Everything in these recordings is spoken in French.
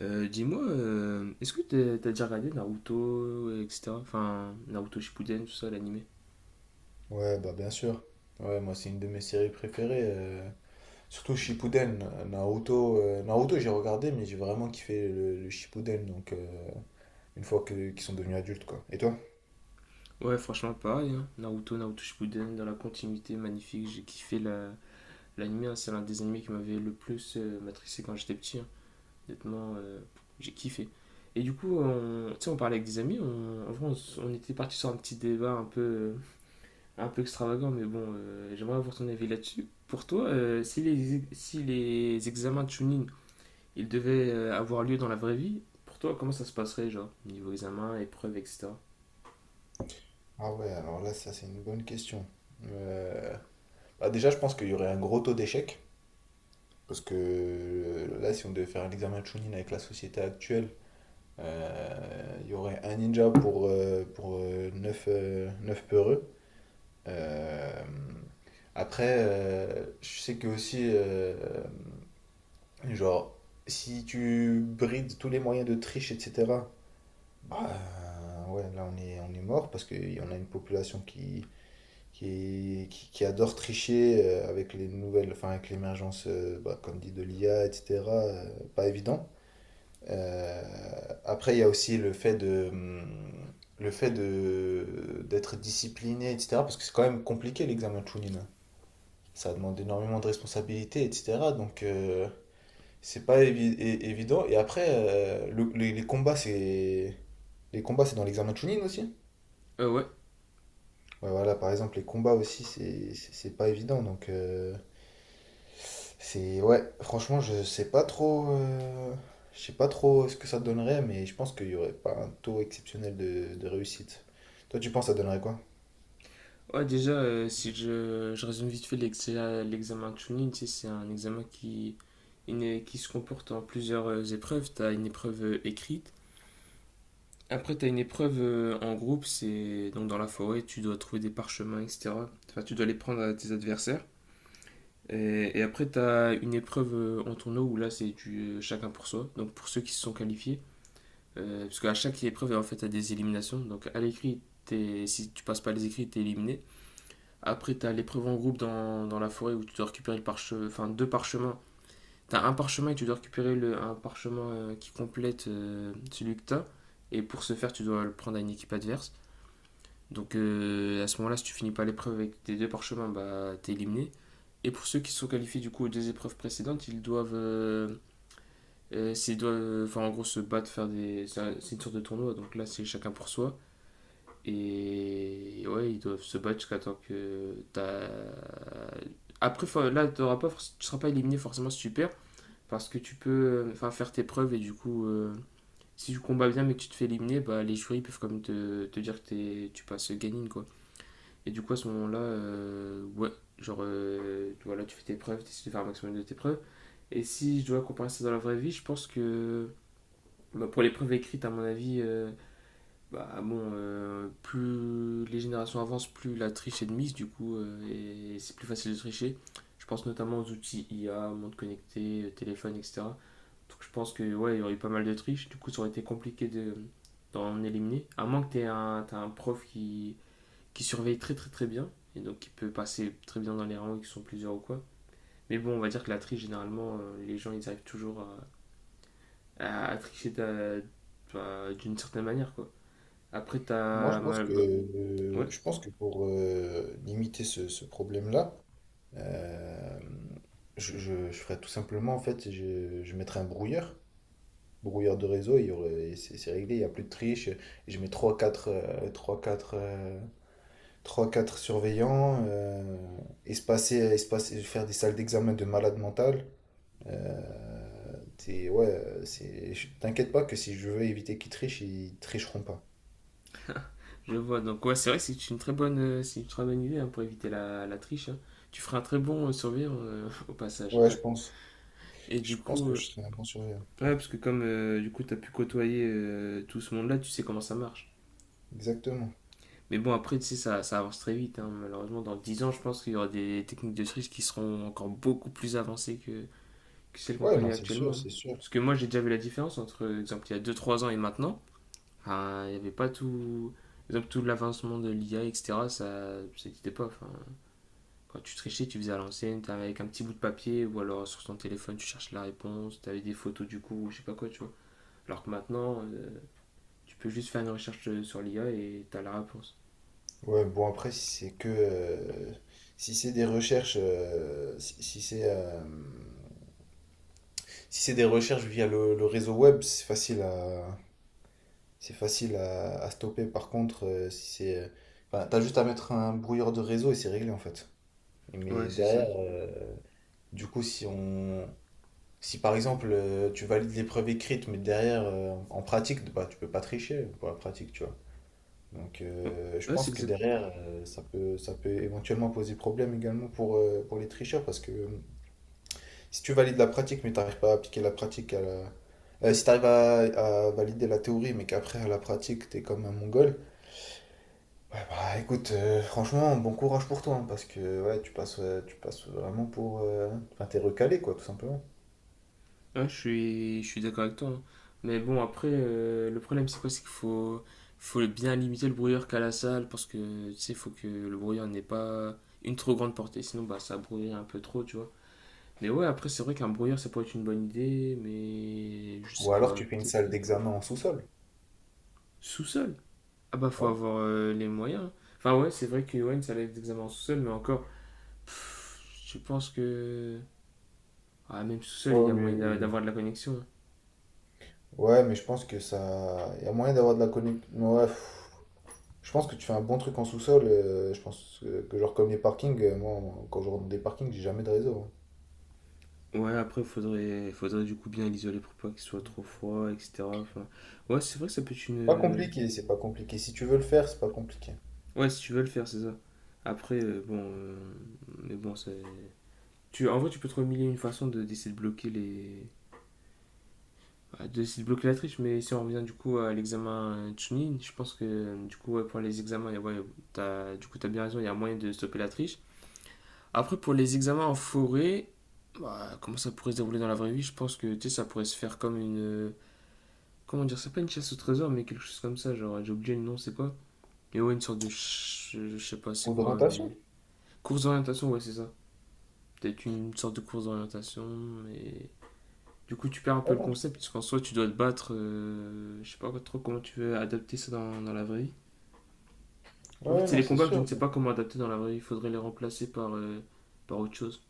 Dis-moi, est-ce que t'as déjà regardé Naruto, etc. Enfin, Naruto Shippuden, tout ça, l'animé. Ouais, bah bien sûr. Ouais, moi c'est une de mes séries préférées. Surtout Shippuden, Naruto. Naruto j'ai regardé, mais j'ai vraiment kiffé le Shippuden, donc une fois qu'ils sont devenus adultes, quoi. Et toi? Ouais, franchement, pareil, hein. Naruto, Naruto Shippuden, dans la continuité, magnifique. J'ai kiffé l'animé, hein. C'est l'un des animés qui m'avait le plus matrixé quand j'étais petit, hein. Honnêtement, j'ai kiffé. Et du coup, tu sais, on parlait avec des amis. En vrai, on était parti sur un petit débat un peu extravagant, mais bon, j'aimerais avoir ton avis là-dessus. Pour toi, si si les examens de Chunin il devait avoir lieu dans la vraie vie, pour toi, comment ça se passerait, genre, niveau examen, épreuve, etc. Ah ouais, alors là ça c'est une bonne question. Euh, Bah, déjà je pense qu'il y aurait un gros taux d'échec, parce que là si on devait faire un examen de Chunin avec la société actuelle, il y aurait un ninja pour, 9 peureux. Euh, Après, je sais que aussi, genre, si tu brides tous les moyens de triche, etc., bah ouais, là on est mort parce qu'il y en a une population qui, qui adore tricher avec les nouvelles, enfin avec l'émergence, bah, comme dit, de l'IA, etc., pas évident. Euh, Après, il y a aussi le fait de, le fait d'être discipliné, etc., parce que c'est quand même compliqué l'examen de Chunin, ça demande énormément de responsabilités, etc. Donc, c'est pas évident. Et après, les combats, c'est. Les combats, c'est dans l'examen de Chunin aussi. Ouais. Ouais, voilà, par exemple, les combats aussi, c'est pas évident. Donc, c'est. Ouais, franchement, je sais pas trop. Je sais pas trop ce que ça donnerait, mais je pense qu'il y aurait pas un taux exceptionnel de réussite. Toi, tu penses que ça donnerait quoi? Ouais, déjà, si je résume vite fait l'examen de Chunin, tu sais, c'est un examen qui se comporte en plusieurs épreuves. Tu as une épreuve écrite. Après, tu as une épreuve en groupe, c'est donc dans la forêt, tu dois trouver des parchemins, etc. Enfin, tu dois les prendre à tes adversaires. Et après, tu as une épreuve en tournoi où là, c'est du chacun pour soi. Donc, pour ceux qui se sont qualifiés, parce qu'à chaque épreuve, en fait, tu as des éliminations. Donc à l'écrit, si tu passes pas les écrits, tu es éliminé. Après, tu as l'épreuve en groupe dans la forêt où tu dois récupérer enfin, deux parchemins. Tu as un parchemin et tu dois récupérer un parchemin qui complète celui que tu as. Et pour ce faire, tu dois le prendre à une équipe adverse. Donc à ce moment-là, si tu finis pas l'épreuve avec tes deux parchemins, bah, tu es éliminé. Et pour ceux qui sont qualifiés du coup aux deux épreuves précédentes, ils doivent, enfin en gros se battre, faire des, c'est une sorte de tournoi. Donc là, c'est chacun pour soi. Et ouais, ils doivent se battre jusqu'à temps que t'as. Après, fin, là, t'auras pas, forc- tu seras pas éliminé forcément super, parce que tu peux enfin, faire tes preuves et du coup, si tu combats bien mais que tu te fais éliminer, bah, les jurys peuvent quand même te dire que tu passes gagnine quoi. Et du coup, à ce moment-là, ouais, genre, voilà, tu fais tes preuves, tu essaies de faire un maximum de tes preuves. Et si je dois comparer ça dans la vraie vie, je pense que bah, pour les preuves écrites, à mon avis, bah bon, plus les générations avancent, plus la triche est de mise, du coup, et c'est plus facile de tricher. Je pense notamment aux outils I a monde connecté, téléphone, etc. Donc je pense que ouais, il y aurait eu pas mal de triches du coup ça aurait été compliqué de, d'en éliminer. À moins que t'as un prof qui surveille très très très bien, et donc qui peut passer très bien dans les rangs qui sont plusieurs ou quoi. Mais bon, on va dire que la triche, généralement, les gens ils arrivent toujours à tricher bah, d'une certaine manière quoi. Après, Moi, je t'as pense mal... que, bah, ouais. euh, je pense que pour limiter ce problème-là, euh, je ferais tout simplement, en fait, je mettrais un brouilleur, brouilleur de réseau, il y aurait, et c'est réglé, il n'y a plus de triche. Et je mets trois, quatre, 3-4 surveillants, espacer, espacer, faire des salles d'examen de malade mental. Euh, ouais, c'est, t'inquiète pas que si je veux éviter qu'ils trichent, ils tricheront pas. Je vois. Donc, ouais, c'est vrai que c'est une très bonne, c'est une très bonne idée hein, pour éviter la triche, hein. Tu feras un très bon survivre au passage. Ouais, je pense. Et du Je pense coup, que je serais un bon surveillant. ouais, parce que comme du coup, t'as pu côtoyer tout ce monde-là, tu sais comment ça marche. Exactement. Mais bon, après, tu sais, ça avance très vite, hein. Malheureusement, dans 10 ans, je pense qu'il y aura des techniques de triche qui seront encore beaucoup plus avancées que celles qu'on Ouais, non, connaît c'est actuellement, sûr, hein. c'est sûr. Parce que moi, j'ai déjà vu la différence entre, exemple, il y a deux trois ans et maintenant. Ah, il n'y avait pas tout. Exemple, tout l'avancement de l'IA, etc., ça n'existait pas. Enfin, quand tu trichais, tu faisais à l'ancienne, t'avais avec un petit bout de papier ou alors sur ton téléphone, tu cherches la réponse, t'avais des photos du coup, ou je sais pas quoi, tu vois. Alors que maintenant, tu peux juste faire une recherche sur l'IA et t'as la réponse. Ouais, bon, après, si c'est que. Si c'est des recherches. Si c'est. Si c'est des recherches via le réseau web, c'est facile à. C'est facile à stopper. Par contre, si c'est. Enfin, t'as juste à mettre un brouilleur de réseau et c'est réglé, en fait. Ouais, Mais c'est ça. derrière. Du coup, si on. Si par exemple tu valides l'épreuve écrite, mais derrière en pratique, bah tu peux pas tricher pour la pratique, tu vois. Donc, Ouais. Je Ouais, c'est pense que exact. derrière, ça peut éventuellement poser problème également pour les tricheurs parce que si tu valides la pratique, mais tu n'arrives pas à appliquer la pratique à la... Si tu arrives à valider la théorie, mais qu'après à la pratique, tu es comme un mongol, ouais, bah écoute, franchement, bon courage pour toi hein, parce que ouais, tu passes, tu passes vraiment pour. Enfin, t'es recalé, quoi, tout simplement. Ouais, je suis d'accord avec toi, hein. Mais bon, après, le problème, c'est quoi? C'est qu'il faut, faut bien limiter le brouillard qu'a la salle parce que, tu sais, il faut que le brouillard n'ait pas une trop grande portée. Sinon, bah, ça brouille un peu trop, tu vois. Mais ouais, après, c'est vrai qu'un brouilleur, ça pourrait être une bonne idée, mais je sais Ou alors pas, tu fais une peut-être salle que. d'examen en sous-sol. Sous-sol. Ah bah, faut Ouais. avoir les moyens. Enfin, ouais, c'est vrai que Yoann, ça allait être examens en sous-sol, mais encore, pff, je pense que. Ah, même sous-sol, il Ouais, y a moyen oui, oui, oui. d'avoir de la connexion, Ouais, mais je pense que ça. Il y a moyen d'avoir de la connexion. Ouais, pff, je pense que tu fais un bon truc en sous-sol. Je pense que genre comme les parkings, quand je rentre dans des parkings, j'ai jamais de réseau. Hein. hein. Ouais, après, faudrait, faudrait du coup bien l'isoler pour pas qu'il soit trop froid, etc. Enfin, ouais, c'est vrai que ça peut être Pas une. compliqué, c'est pas compliqué. Si tu veux le faire, c'est pas compliqué. Ouais, si tu veux le faire, c'est ça. Après, mais bon, c'est. Tu... En vrai, tu peux trouver mille et une façons d'essayer de bloquer les. Bah, de c'est bloquer la triche, mais si on revient du coup à l'examen Chunin, je pense que du coup ouais, pour les examens, ouais, du coup t'as bien raison, il y a moyen de stopper la triche. Après pour les examens en forêt, bah, comment ça pourrait se dérouler dans la vraie vie, je pense que tu sais, ça pourrait se faire comme une... Comment dire, c'est pas une chasse au trésor, mais quelque chose comme ça, genre j'ai oublié le nom, c'est quoi? Mais ouais, une sorte de... je sais pas Ou c'est quoi, mais... d'orientation. Course d'orientation, ouais c'est ça. Peut-être une sorte de course d'orientation, mais... Du coup, tu perds un peu le Voilà. concept, puisqu'en soi, tu dois te battre. Je sais pas trop comment tu veux adapter ça dans la vraie vie. Ouais, En non, fait, ouais, c'est non, les c'est combats que je ne sûr. sais pas comment adapter dans la vraie vie. Il faudrait les remplacer par, par autre chose.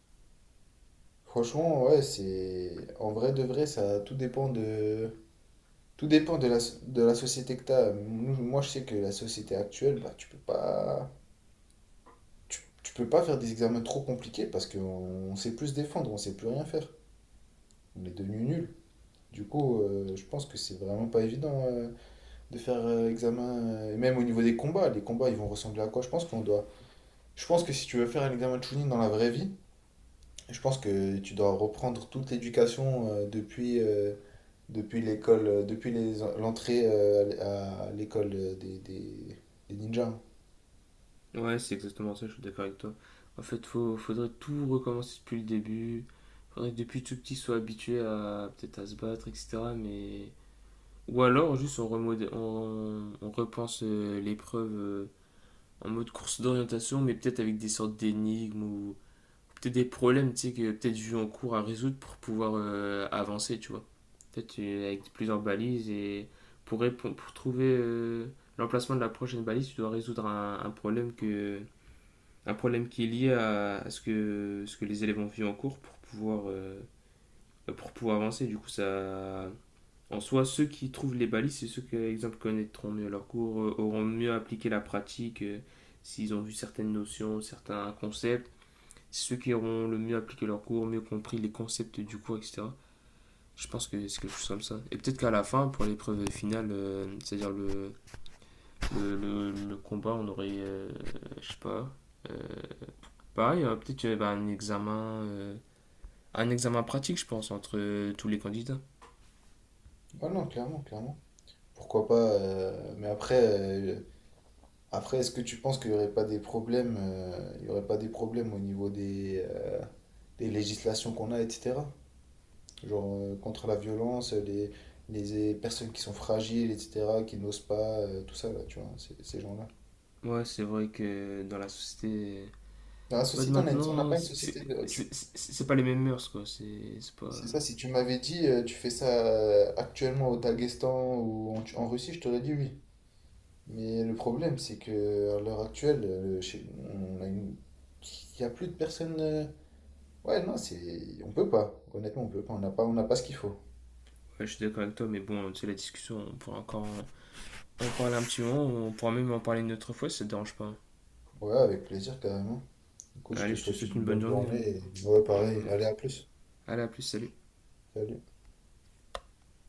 Franchement, ouais, c'est en vrai de vrai, ça tout dépend de la de la société que t'as. Moi, je sais que la société actuelle, bah, tu peux pas tu peux pas faire des examens trop compliqués parce qu'on sait plus se défendre, on sait plus rien faire. On est devenu nul. Du coup, je pense que c'est vraiment pas évident de faire examen, et même au niveau des combats, les combats ils vont ressembler à quoi? Je pense qu'on doit. Je pense que si tu veux faire un examen de Chunin dans la vraie vie, je pense que tu dois reprendre toute l'éducation depuis, depuis l'école, depuis les l'entrée à l'école des ninjas. Ouais, c'est exactement ça, je suis d'accord avec toi. En fait, faudrait tout recommencer depuis le début. Faudrait que depuis tout petit, soit habitué à peut-être à se battre, etc. Mais... Ou alors, juste, on repense l'épreuve en mode course d'orientation, mais peut-être avec des sortes d'énigmes ou peut-être des problèmes, tu sais, que peut-être vu en cours à résoudre pour pouvoir avancer, tu vois. Peut-être avec plusieurs balises et pour, pour trouver l'emplacement de la prochaine balise, tu dois résoudre un problème que un problème qui est lié à ce que les élèves ont vu en cours pour pouvoir avancer. Du coup, ça en soi, ceux qui trouvent les balises, c'est ceux qui, par exemple, connaîtront mieux leur cours, auront mieux appliqué la pratique, s'ils ont vu certaines notions, certains concepts ceux qui auront le mieux appliqué leur cours, mieux compris les concepts du cours, etc. Je pense que c'est quelque chose comme ça. Et peut-être qu'à la fin, pour l'épreuve finale, c'est-à-dire le combat, on aurait, je sais pas, euh, pareil, peut-être qu'il y aurait bah, un examen pratique, je pense, entre tous les candidats. Ouais, non, clairement, clairement. Pourquoi pas, mais après, est-ce que tu penses qu'il n'y aurait pas des problèmes, il y aurait pas des problèmes au niveau des législations qu'on a, etc. Genre contre la violence, les personnes qui sont fragiles, etc., qui n'osent pas, tout ça, là, tu vois, ces gens-là. Ouais, c'est vrai que dans la société, Dans la bah, de société, on a on n'a maintenant, pas une société de... c'est pas les mêmes mœurs, quoi. C'est pas. C'est ça, si tu m'avais dit, tu fais ça actuellement au Daghestan ou en Russie, je t'aurais dit oui. Mais le problème, c'est que à l'heure actuelle, on a une... Il n'y a plus de personnes... Ouais, non, c'est... On peut pas. Honnêtement, on peut pas. On n'a pas ce qu'il faut. Ouais, je suis d'accord avec toi, mais bon, tu sais, la discussion, on pourra encore. On parle un petit moment, on pourra même en parler une autre fois si ça te dérange pas. Ouais, avec plaisir, carrément. Écoute, je te Allez, je te souhaite une souhaite une bonne bonne journée, journée hein. et ouais, Ouais, pareil. moi Allez, aussi. à plus. Allez, à plus, salut. Salut.